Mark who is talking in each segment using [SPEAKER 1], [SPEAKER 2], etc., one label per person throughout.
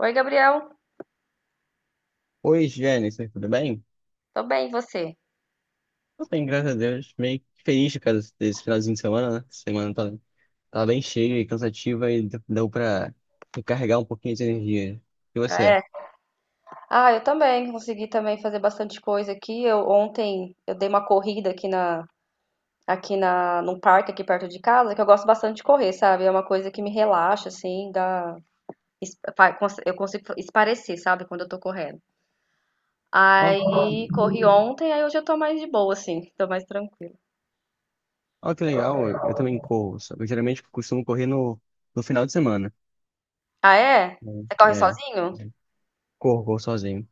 [SPEAKER 1] Oi, Gabriel.
[SPEAKER 2] Oi, Jennifer, tudo bem?
[SPEAKER 1] Tô bem, e você?
[SPEAKER 2] Tô bem, graças a Deus. Meio feliz por causa desse finalzinho de semana, né? Essa semana tá bem cheia e cansativa e deu pra recarregar um pouquinho de energia. E
[SPEAKER 1] Ah,
[SPEAKER 2] você?
[SPEAKER 1] é. Ah, eu também. Consegui também fazer bastante coisa aqui. Eu ontem eu dei uma corrida aqui na num parque aqui perto de casa, que eu gosto bastante de correr, sabe? É uma coisa que me relaxa assim, dá eu consigo esparecer, sabe, quando eu tô correndo.
[SPEAKER 2] Ó,
[SPEAKER 1] Aí,
[SPEAKER 2] que-
[SPEAKER 1] uhum, corri ontem, aí hoje eu tô mais de boa assim, tô mais tranquila.
[SPEAKER 2] ó, que legal, eu também corro, sabe? Eu geralmente costumo correr no final de semana,
[SPEAKER 1] Ah, é?
[SPEAKER 2] né?
[SPEAKER 1] Você corre
[SPEAKER 2] É,
[SPEAKER 1] sozinho?
[SPEAKER 2] corro, corro sozinho.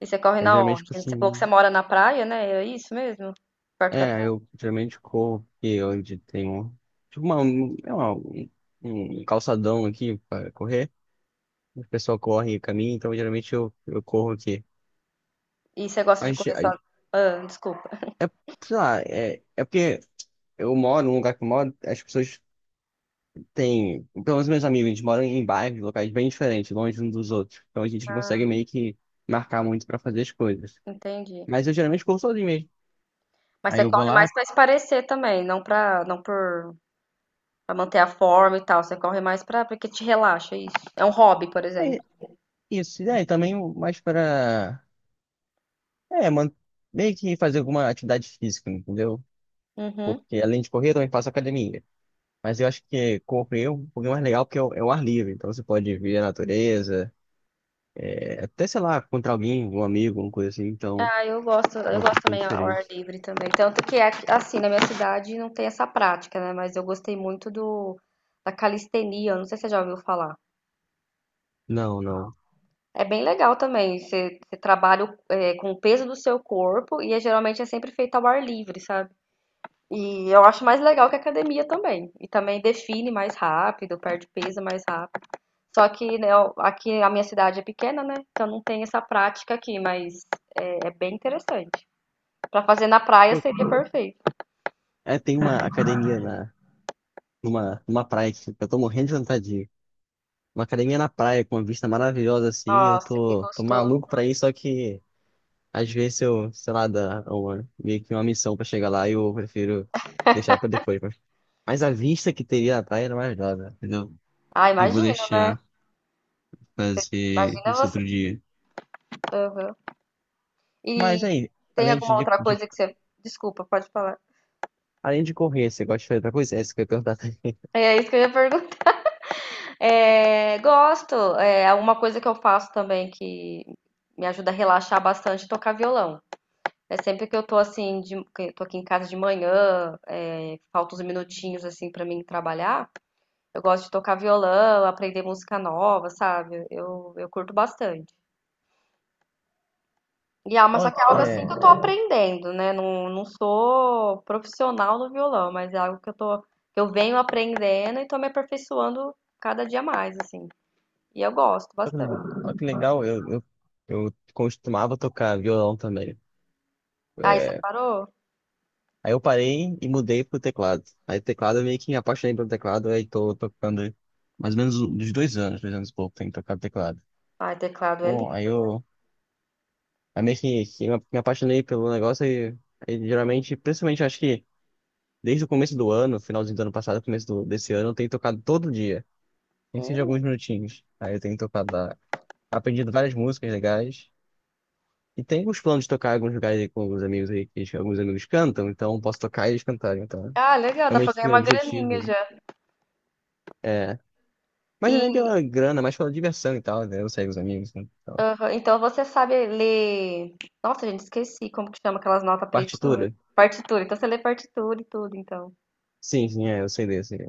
[SPEAKER 1] E você corre
[SPEAKER 2] Aí eu
[SPEAKER 1] na
[SPEAKER 2] geralmente
[SPEAKER 1] onde? Você falou que você
[SPEAKER 2] costumo.
[SPEAKER 1] mora na praia, né? É isso mesmo? Perto da
[SPEAKER 2] É,
[SPEAKER 1] praia.
[SPEAKER 2] eu geralmente corro porque hoje tenho tipo uma, um- é uma, um um calçadão aqui pra correr. O pessoal corre e caminha, então geralmente eu corro aqui.
[SPEAKER 1] E você gosta de
[SPEAKER 2] Mas
[SPEAKER 1] correr sozinho? Ah, desculpa.
[SPEAKER 2] é- sei lá, é porque eu moro num lugar que eu moro, as pessoas têm, pelo menos meus amigos, eles moram em bairros, locais bem diferentes, longe uns dos outros. Então a gente não consegue meio que marcar muito pra fazer as coisas.
[SPEAKER 1] Entendi.
[SPEAKER 2] Mas eu geralmente corro sozinho mesmo.
[SPEAKER 1] Mas
[SPEAKER 2] Aí
[SPEAKER 1] você
[SPEAKER 2] eu vou
[SPEAKER 1] corre
[SPEAKER 2] lá,
[SPEAKER 1] mais pra esparecer também, não pra, não por para manter a forma e tal. Você corre mais pra porque te relaxa, é isso. É um hobby, por exemplo.
[SPEAKER 2] é isso. E aí também mais pra, é, man, meio que fazer alguma atividade física, entendeu?
[SPEAKER 1] Uhum.
[SPEAKER 2] Porque além de correr, eu também faço academia. Mas eu acho que correr é um pouquinho mais legal porque é o ar livre. Então você pode ver a natureza, é, até, sei lá, contra alguém, um amigo, alguma coisa assim. Então
[SPEAKER 1] Ah, eu gosto,
[SPEAKER 2] é
[SPEAKER 1] eu
[SPEAKER 2] um
[SPEAKER 1] gosto
[SPEAKER 2] pouquinho
[SPEAKER 1] também ao ar
[SPEAKER 2] diferente.
[SPEAKER 1] livre também. Tanto que assim, na minha cidade não tem essa prática, né? Mas eu gostei muito do da calistenia, não sei se você já ouviu falar.
[SPEAKER 2] Não, não.
[SPEAKER 1] É bem legal também. Você trabalha, com o peso do seu corpo e é, geralmente é sempre feito ao ar livre, sabe? E eu acho mais legal que a academia também. E também define mais rápido, perde peso mais rápido. Só que, né, aqui a minha cidade é pequena, né? Então não tem essa prática aqui, mas é bem interessante. Pra fazer na praia
[SPEAKER 2] Pô,
[SPEAKER 1] seria perfeito.
[SPEAKER 2] é, tem uma academia numa praia que eu tô morrendo de vontade de ir. Uma academia na praia com uma vista maravilhosa assim. E eu
[SPEAKER 1] Nossa, que
[SPEAKER 2] tô
[SPEAKER 1] gostoso.
[SPEAKER 2] maluco pra ir, só que às vezes eu, sei lá, dá uma, meio que uma missão pra chegar lá e eu prefiro deixar pra depois. Mas a vista que teria na praia era maravilhosa, entendeu?
[SPEAKER 1] Ah,
[SPEAKER 2] E vou
[SPEAKER 1] imagina, né?
[SPEAKER 2] deixar fazer
[SPEAKER 1] Imagina
[SPEAKER 2] isso
[SPEAKER 1] você.
[SPEAKER 2] outro dia.
[SPEAKER 1] Aham. E
[SPEAKER 2] Mas aí,
[SPEAKER 1] tem alguma outra coisa que você. Desculpa, pode falar.
[SPEAKER 2] além de correr, você gosta de fazer outra coisa? É que eu ia perguntar.
[SPEAKER 1] É isso que eu ia perguntar. É, gosto. É uma coisa que eu faço também que me ajuda a relaxar bastante, é tocar violão. É sempre que eu tô assim, de, que eu tô aqui em casa de manhã, é, falta uns minutinhos assim pra mim trabalhar, eu gosto de tocar violão, aprender música nova, sabe? Eu curto bastante. E ah, mas só
[SPEAKER 2] Ó,
[SPEAKER 1] que é
[SPEAKER 2] que-
[SPEAKER 1] algo assim que
[SPEAKER 2] é,
[SPEAKER 1] eu tô aprendendo, né? Não sou profissional no violão, mas é algo que eu tô, que eu venho aprendendo e tô me aperfeiçoando cada dia mais, assim. E eu gosto
[SPEAKER 2] ó, que
[SPEAKER 1] bastante.
[SPEAKER 2] ó que legal, eu costumava tocar violão também.
[SPEAKER 1] Ai, você
[SPEAKER 2] É,
[SPEAKER 1] parou?
[SPEAKER 2] aí eu parei e mudei pro teclado. Aí teclado eu meio que me apaixonei pelo teclado, aí tô tocando mais ou menos uns 2 anos, 2 anos e pouco, tenho tocado teclado.
[SPEAKER 1] Ai, teclado é
[SPEAKER 2] Bom,
[SPEAKER 1] lindo.
[SPEAKER 2] aí meio que me apaixonei pelo negócio, e geralmente, principalmente acho que desde o começo do ano, finalzinho do ano passado, desse ano, eu tenho tocado todo dia, nem que seja alguns
[SPEAKER 1] Hum.
[SPEAKER 2] minutinhos. Aí eu tenho tocado lá, aprendido várias músicas legais. E tenho os planos de tocar em alguns lugares aí com alguns amigos aí, que eles- alguns amigos cantam, então eu posso tocar e eles cantarem, então.
[SPEAKER 1] Ah, legal,
[SPEAKER 2] É
[SPEAKER 1] dá
[SPEAKER 2] meio
[SPEAKER 1] pra ganhar
[SPEAKER 2] que um
[SPEAKER 1] uma graninha
[SPEAKER 2] objetivo, né?
[SPEAKER 1] já.
[SPEAKER 2] É. Mas não é
[SPEAKER 1] E
[SPEAKER 2] nem pela grana, mas pela diversão e tal, né? Eu saio com os amigos, né? Então,
[SPEAKER 1] aham, então você sabe ler. Nossa, gente, esqueci como que chama aquelas notas pretinhas.
[SPEAKER 2] partitura.
[SPEAKER 1] Partitura. Então você lê partitura e tudo, então.
[SPEAKER 2] Sim, sim, é, eu sei desse, né?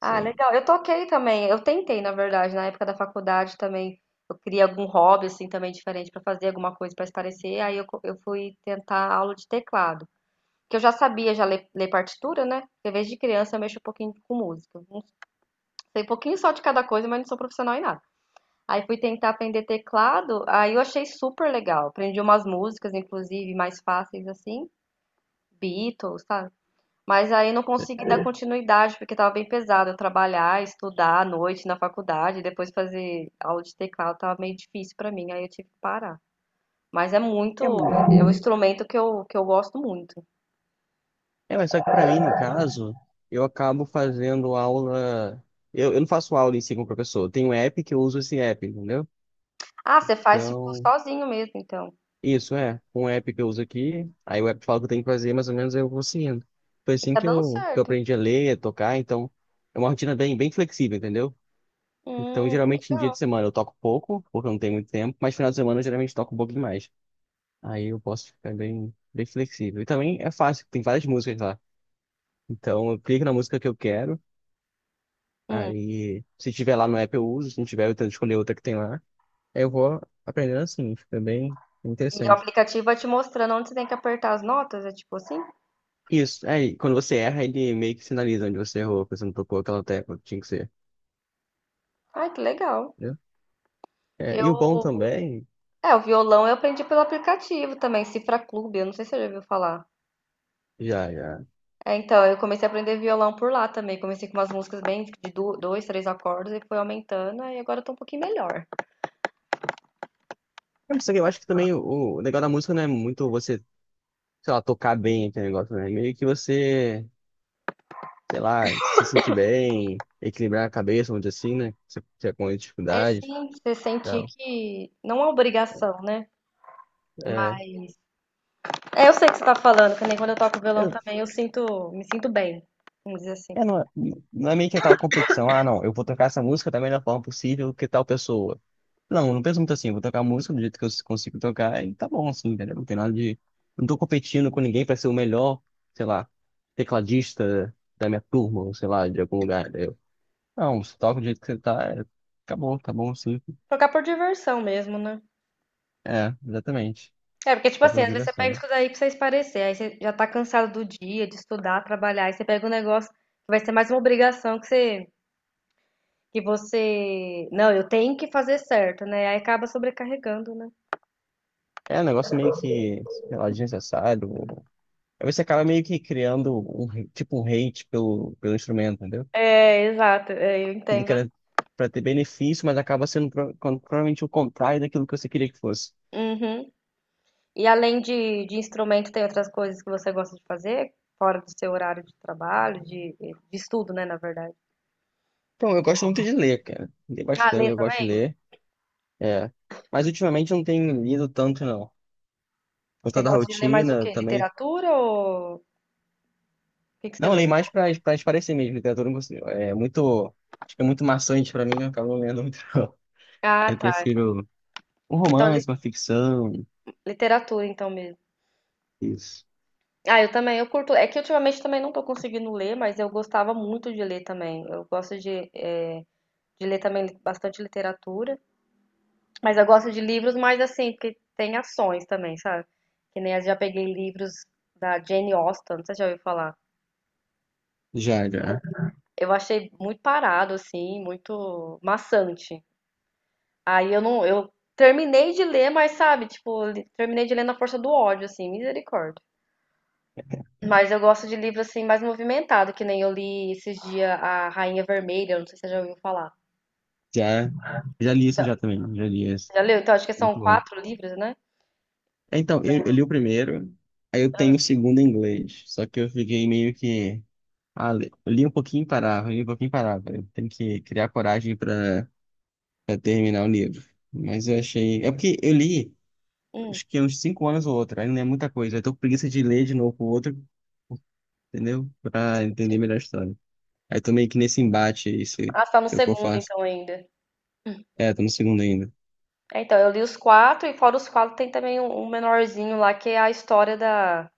[SPEAKER 1] Ah,
[SPEAKER 2] Sei.
[SPEAKER 1] legal. Eu toquei também. Eu tentei, na verdade, na época da faculdade também. Eu queria algum hobby assim também diferente pra fazer alguma coisa pra se parecer. Eu fui tentar aula de teclado, que eu já sabia já ler, ler partitura, né? Porque desde criança eu mexo um pouquinho com música. Não sei um pouquinho só de cada coisa, mas não sou profissional em nada. Aí fui tentar aprender teclado, aí eu achei super legal. Aprendi umas músicas, inclusive, mais fáceis assim, Beatles, sabe? Mas aí não consegui dar continuidade, porque tava bem pesado. Eu trabalhar, estudar à noite na faculdade, depois fazer aula de teclado, tava meio difícil pra mim, aí eu tive que parar. Mas é muito,
[SPEAKER 2] É,
[SPEAKER 1] é um instrumento que eu gosto muito.
[SPEAKER 2] É, mas só que pra mim, no caso, eu acabo fazendo aula. Eu não faço aula em si com o professor. Tem um app que eu uso esse app, entendeu?
[SPEAKER 1] Ah, você faz tipo
[SPEAKER 2] Então,
[SPEAKER 1] sozinho mesmo, então.
[SPEAKER 2] isso é. Um app que eu uso aqui, aí o app fala o que eu tenho que fazer, mais ou menos aí eu vou seguindo. Foi
[SPEAKER 1] E
[SPEAKER 2] assim
[SPEAKER 1] tá dando
[SPEAKER 2] que eu
[SPEAKER 1] certo.
[SPEAKER 2] aprendi a ler, a tocar, então é uma rotina bem, bem flexível, entendeu? Então, geralmente em dia de
[SPEAKER 1] Legal.
[SPEAKER 2] semana eu toco pouco, porque eu não tenho muito tempo, mas final de semana eu geralmente toco um pouco demais. Aí eu posso ficar bem, bem flexível. E também é fácil, tem várias músicas lá. Então, eu clico na música que eu quero.
[SPEAKER 1] Hum.
[SPEAKER 2] Aí, se tiver lá no app, eu uso. Se não tiver, eu tento escolher outra que tem lá. Aí eu vou aprendendo assim. Fica bem
[SPEAKER 1] E o
[SPEAKER 2] interessante.
[SPEAKER 1] aplicativo vai te mostrando onde você tem que apertar as notas, é tipo assim?
[SPEAKER 2] Isso. Aí, quando você erra, ele meio que sinaliza onde você errou, porque você não tocou aquela tecla que tinha que ser,
[SPEAKER 1] Ah, que legal.
[SPEAKER 2] entendeu? É, e
[SPEAKER 1] Eu,
[SPEAKER 2] o bom também,
[SPEAKER 1] o violão eu aprendi pelo aplicativo também, Cifra Clube, eu não sei se você já ouviu falar.
[SPEAKER 2] já, já.
[SPEAKER 1] É, então, eu comecei a aprender violão por lá também. Comecei com umas músicas bem de dois, três acordes e foi aumentando, aí agora eu tô um pouquinho melhor.
[SPEAKER 2] É, mas só que eu acho que também o legal da música não é muito você, sei lá, tocar bem aquele negócio, né? É meio que você, sei lá, se sentir bem, equilibrar a cabeça, vamos dizer assim, né? Você, você tá com
[SPEAKER 1] É
[SPEAKER 2] dificuldade e
[SPEAKER 1] sim, você sentir
[SPEAKER 2] tal.
[SPEAKER 1] que não é obrigação, né?
[SPEAKER 2] É.
[SPEAKER 1] Mas é, eu sei o que você tá falando, que nem quando eu toco violão
[SPEAKER 2] É,
[SPEAKER 1] também, me sinto bem, vamos dizer assim.
[SPEAKER 2] É, não, não é meio que aquela competição, ah, não, eu vou tocar essa música da melhor forma possível que tal pessoa. Não, eu não penso muito assim, eu vou tocar a música do jeito que eu consigo tocar e tá bom, assim, entendeu? Não tem nada de. Não tô competindo com ninguém pra ser o melhor, sei lá, tecladista da minha turma, ou sei lá, de algum lugar, entendeu? Não, você toca do jeito que você tá, é, acabou, tá bom, sim.
[SPEAKER 1] Tocar por diversão mesmo, né?
[SPEAKER 2] É, exatamente.
[SPEAKER 1] É, porque, tipo
[SPEAKER 2] Tá
[SPEAKER 1] assim,
[SPEAKER 2] por
[SPEAKER 1] às vezes você pega isso
[SPEAKER 2] direção.
[SPEAKER 1] daí aí pra você espairecer, aí você já tá cansado do dia, de estudar, trabalhar, aí você pega um negócio que vai ser mais uma obrigação que você, não, eu tenho que fazer certo, né? Aí acaba sobrecarregando, né?
[SPEAKER 2] É um negócio meio que, sei lá, desnecessário. Aí você acaba meio que criando um hate pelo, pelo instrumento, entendeu?
[SPEAKER 1] É, exato, é, eu
[SPEAKER 2] Aquilo que
[SPEAKER 1] entendo.
[SPEAKER 2] era para ter benefício, mas acaba sendo provavelmente o contrário daquilo que você queria que fosse.
[SPEAKER 1] Uhum. E além de instrumento, tem outras coisas que você gosta de fazer, fora do seu horário de trabalho, de estudo, né, na verdade.
[SPEAKER 2] Então, eu gosto muito de ler, cara. Leio
[SPEAKER 1] Ah,
[SPEAKER 2] bastante,
[SPEAKER 1] ler
[SPEAKER 2] eu gosto de
[SPEAKER 1] também?
[SPEAKER 2] ler. É. Mas ultimamente eu não tenho lido tanto, não. Por
[SPEAKER 1] Você
[SPEAKER 2] conta da
[SPEAKER 1] gosta de ler mais o
[SPEAKER 2] rotina
[SPEAKER 1] quê?
[SPEAKER 2] também.
[SPEAKER 1] Literatura ou o que que você
[SPEAKER 2] Não, eu
[SPEAKER 1] lê?
[SPEAKER 2] leio mais para para espairecer mesmo. Literatura não consigo- é muito. Acho que é muito maçante para mim, eu acabo não lendo muito, não. Aí
[SPEAKER 1] Ah,
[SPEAKER 2] eu
[SPEAKER 1] tá.
[SPEAKER 2] prefiro um
[SPEAKER 1] Então,
[SPEAKER 2] romance, uma ficção.
[SPEAKER 1] literatura, então mesmo.
[SPEAKER 2] Isso.
[SPEAKER 1] Ah, eu também, eu curto. É que ultimamente também não tô conseguindo ler, mas eu gostava muito de ler também. Eu gosto de, eh, de ler também bastante literatura, mas eu gosto de livros mais assim, porque tem ações também, sabe? Que nem eu já peguei livros da Jane Austen, você já ouviu falar?
[SPEAKER 2] Já, já.
[SPEAKER 1] Eu achei muito parado, assim, muito maçante. Aí eu não, eu terminei de ler, mas sabe, tipo, terminei de ler na força do ódio, assim, misericórdia. Mas eu gosto de livro assim mais movimentado, que nem eu li esses dias A Rainha Vermelha, não sei se você já ouviu falar.
[SPEAKER 2] Já, já li isso
[SPEAKER 1] Então,
[SPEAKER 2] já também. Já li isso.
[SPEAKER 1] já leu? Então acho que são
[SPEAKER 2] Muito bom.
[SPEAKER 1] quatro livros, né?
[SPEAKER 2] É, então, eu li o primeiro, aí eu tenho o segundo em inglês. Só que eu fiquei meio que. Ah, li, li um pouquinho e parava, li um pouquinho e parava. Eu tenho que criar coragem para terminar o livro. Mas eu achei. É porque eu li,
[SPEAKER 1] Hum,
[SPEAKER 2] acho que uns 5 anos ou outro, aí não é muita coisa. Eu tô com preguiça de ler de novo o outro, entendeu? Pra entender
[SPEAKER 1] entendi.
[SPEAKER 2] melhor a história. Aí tô meio que nesse embate aí, se
[SPEAKER 1] Ah, você tá no
[SPEAKER 2] é o que eu
[SPEAKER 1] segundo
[SPEAKER 2] faço.
[SPEAKER 1] então ainda.
[SPEAKER 2] É, tô no segundo ainda.
[SPEAKER 1] É, então eu li os quatro e fora os quatro tem também um menorzinho lá que é a história da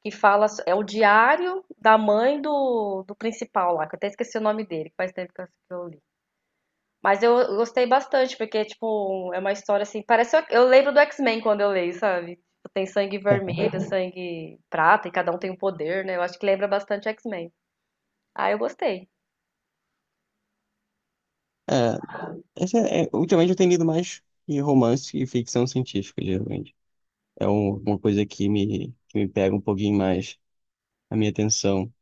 [SPEAKER 1] que fala é o diário da mãe do principal lá, que eu até esqueci o nome dele, que faz tempo que eu li. Mas eu gostei bastante, porque, tipo, é uma história assim. Parece. Eu lembro do X-Men quando eu leio, sabe? Tipo, tem sangue vermelho, uhum, sangue prata, e cada um tem um poder, né? Eu acho que lembra bastante X-Men. Ah, eu gostei.
[SPEAKER 2] É, ultimamente eu tenho lido mais de romance e ficção científica, geralmente. Uma coisa que me pega um pouquinho mais a minha atenção.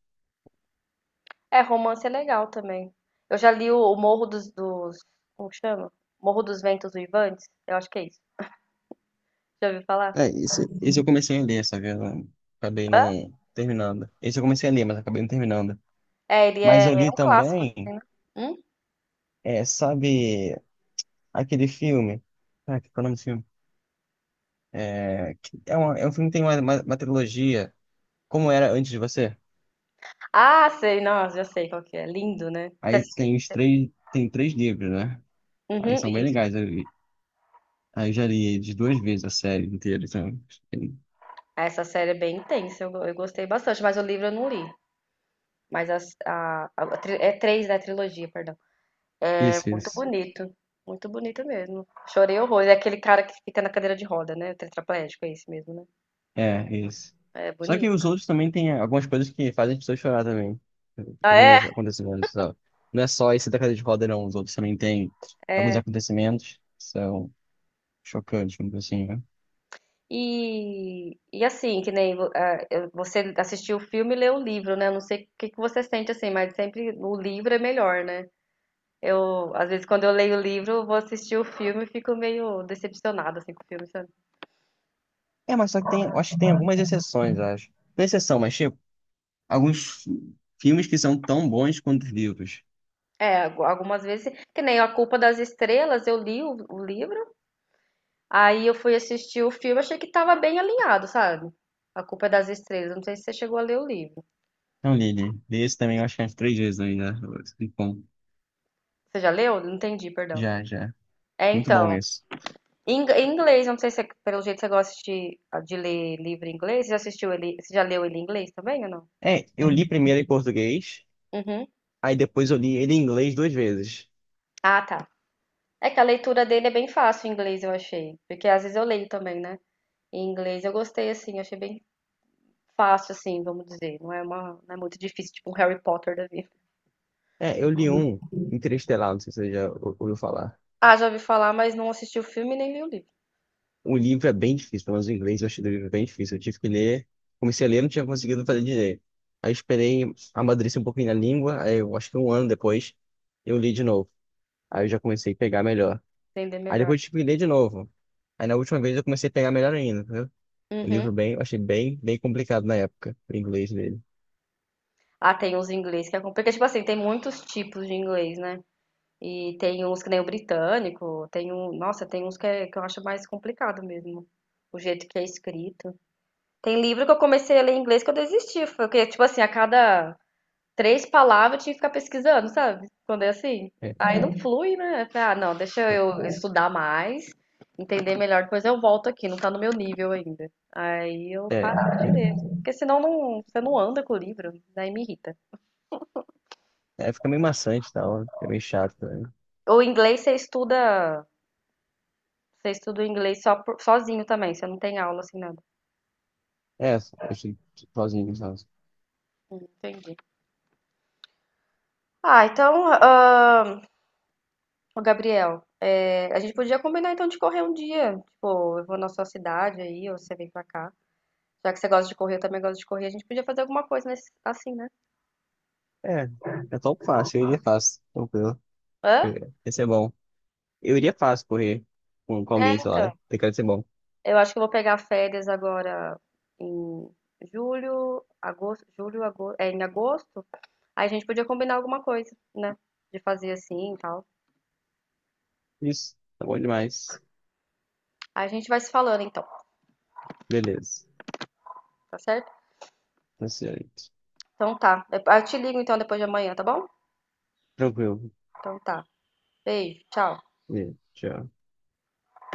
[SPEAKER 1] É, romance é legal também. Eu já li o Morro dos, Como que chama? Morro dos Ventos Uivantes? Eu acho que é isso. Já ouviu falar?
[SPEAKER 2] É, esse eu comecei a ler, sabe? Eu acabei
[SPEAKER 1] Hã?
[SPEAKER 2] não terminando. Esse eu comecei a ler, mas acabei não terminando.
[SPEAKER 1] É,
[SPEAKER 2] Mas eu
[SPEAKER 1] é
[SPEAKER 2] li
[SPEAKER 1] um clássico,
[SPEAKER 2] também,
[SPEAKER 1] dizem, né? Hum?
[SPEAKER 2] é, sabe, aquele filme. Ah, que é o nome desse filme? É, que é, uma, é um filme que tem uma trilogia. Como era antes de você?
[SPEAKER 1] Ah, sei, nossa, já sei qual que é. Lindo, né? Você
[SPEAKER 2] Aí tem os três, tem três livros, né? Aí
[SPEAKER 1] uhum,
[SPEAKER 2] são bem
[SPEAKER 1] isso.
[SPEAKER 2] legais. Eu, aí eu já li de duas vezes a série inteira. Então,
[SPEAKER 1] Essa série é bem intensa, eu gostei bastante, mas o livro eu não li. Mas é três da trilogia, perdão. É
[SPEAKER 2] isso,
[SPEAKER 1] muito
[SPEAKER 2] isso.
[SPEAKER 1] bonito. Muito bonito mesmo. Chorei horrores. É aquele cara que fica na cadeira de roda, né? O tetraplégico, é esse mesmo, né?
[SPEAKER 2] É, isso.
[SPEAKER 1] É
[SPEAKER 2] Só que
[SPEAKER 1] bonito.
[SPEAKER 2] os outros também têm algumas coisas que fazem as pessoas chorar também. Alguns acontecimentos, sabe? Não é só esse da cadeira de roda, não. Os outros também têm alguns
[SPEAKER 1] É.
[SPEAKER 2] acontecimentos que são chocantes, vamos dizer assim, né?
[SPEAKER 1] E, e assim, que nem vo- ah, eu- você assistiu o filme e leu o livro, né? Eu não sei o que que você sente assim, mas sempre o livro é melhor, né? Eu, às vezes, quando eu leio o livro, eu vou assistir o filme e fico meio decepcionada assim, com o filme, sabe?
[SPEAKER 2] É, mas só que tem, eu acho que tem algumas exceções, eu acho. Não é exceção, mas tipo, filmes que são tão bons quanto os livros.
[SPEAKER 1] É, algumas vezes, que nem A Culpa das Estrelas, eu li o livro. Aí eu fui assistir o filme, achei que tava bem alinhado, sabe? A Culpa é das Estrelas. Não sei se você chegou a ler o livro.
[SPEAKER 2] Então, li esse também, eu acho que é umas três vezes ainda. Muito bom,
[SPEAKER 1] Você já leu? Não entendi, perdão.
[SPEAKER 2] já, já.
[SPEAKER 1] É,
[SPEAKER 2] Muito bom
[SPEAKER 1] então.
[SPEAKER 2] esse.
[SPEAKER 1] Em inglês, eu não sei se pelo jeito você gosta de ler livro em inglês. Você já assistiu ele, você já leu ele em inglês também ou não?
[SPEAKER 2] É, eu li primeiro em português,
[SPEAKER 1] Uhum.
[SPEAKER 2] aí depois eu li ele em inglês duas vezes.
[SPEAKER 1] Ah, tá. É que a leitura dele é bem fácil em inglês, eu achei. Porque às vezes eu leio também, né? Em inglês eu gostei, assim, eu achei bem fácil, assim, vamos dizer. Não é muito difícil, tipo um Harry Potter da vida.
[SPEAKER 2] É, eu li um Interestelar, não sei se você ouviu falar.
[SPEAKER 1] Ah, já ouvi falar, mas não assisti o filme nem li o livro.
[SPEAKER 2] O livro é bem difícil, pelo menos o inglês eu achei o livro bem difícil. Eu tive que ler, comecei a ler, não tinha conseguido fazer direito. Aí esperei amadurecer um pouquinho na língua, aí eu acho que um ano depois eu li de novo. Aí eu já comecei a pegar melhor.
[SPEAKER 1] Entender
[SPEAKER 2] Aí
[SPEAKER 1] melhor.
[SPEAKER 2] depois eu tive que ler de novo. Aí na última vez eu comecei a pegar melhor ainda, entendeu? O
[SPEAKER 1] Uhum.
[SPEAKER 2] livro bem, eu achei bem, bem complicado na época, o inglês dele.
[SPEAKER 1] Ah, tem uns inglês que é complicado. Porque, tipo assim, tem muitos tipos de inglês, né? E tem uns que nem o britânico, tem um. Nossa, tem uns que eu acho mais complicado mesmo. O jeito que é escrito. Tem livro que eu comecei a ler em inglês que eu desisti. Foi que, tipo assim, a cada três palavras eu tinha que ficar pesquisando, sabe? Quando é assim.
[SPEAKER 2] É,
[SPEAKER 1] Aí não flui, né? Eu falei, ah, não, deixa eu estudar mais, entender melhor, depois eu volto aqui, não tá no meu nível ainda. Aí eu
[SPEAKER 2] é,
[SPEAKER 1] parava de
[SPEAKER 2] é,
[SPEAKER 1] ler. Porque senão não, você não anda com o livro, daí me irrita.
[SPEAKER 2] é, fica meio maçante e tal, fica meio chato também.
[SPEAKER 1] O inglês você estuda o inglês só sozinho também, você não tem aula assim nada.
[SPEAKER 2] É, eu fiquei sozinho, sabe?
[SPEAKER 1] Entendi. Ah, então, ô Gabriel, é, a gente podia combinar então de correr um dia. Tipo, eu vou na sua cidade aí, ou você vem pra cá. Já que você gosta de correr, eu também gosto de correr, a gente podia fazer alguma coisa nesse, assim, né?
[SPEAKER 2] É, é tão fácil, eu iria fácil, tranquilo.
[SPEAKER 1] Hã?
[SPEAKER 2] Ia ser bom. Eu iria fácil correr com
[SPEAKER 1] É,
[SPEAKER 2] alguém, sei
[SPEAKER 1] então.
[SPEAKER 2] lá, tem cara de ser bom.
[SPEAKER 1] Eu acho que eu vou pegar férias agora em em agosto. Aí a gente podia combinar alguma coisa, né? De fazer assim e tal.
[SPEAKER 2] Isso, tá bom demais.
[SPEAKER 1] Aí a gente vai se falando então.
[SPEAKER 2] Beleza,
[SPEAKER 1] Tá certo?
[SPEAKER 2] tá certo.
[SPEAKER 1] Então tá. Eu te ligo então depois de amanhã, tá bom?
[SPEAKER 2] Tranquilo.
[SPEAKER 1] Então tá. Beijo, tchau.
[SPEAKER 2] Beleza, tchau.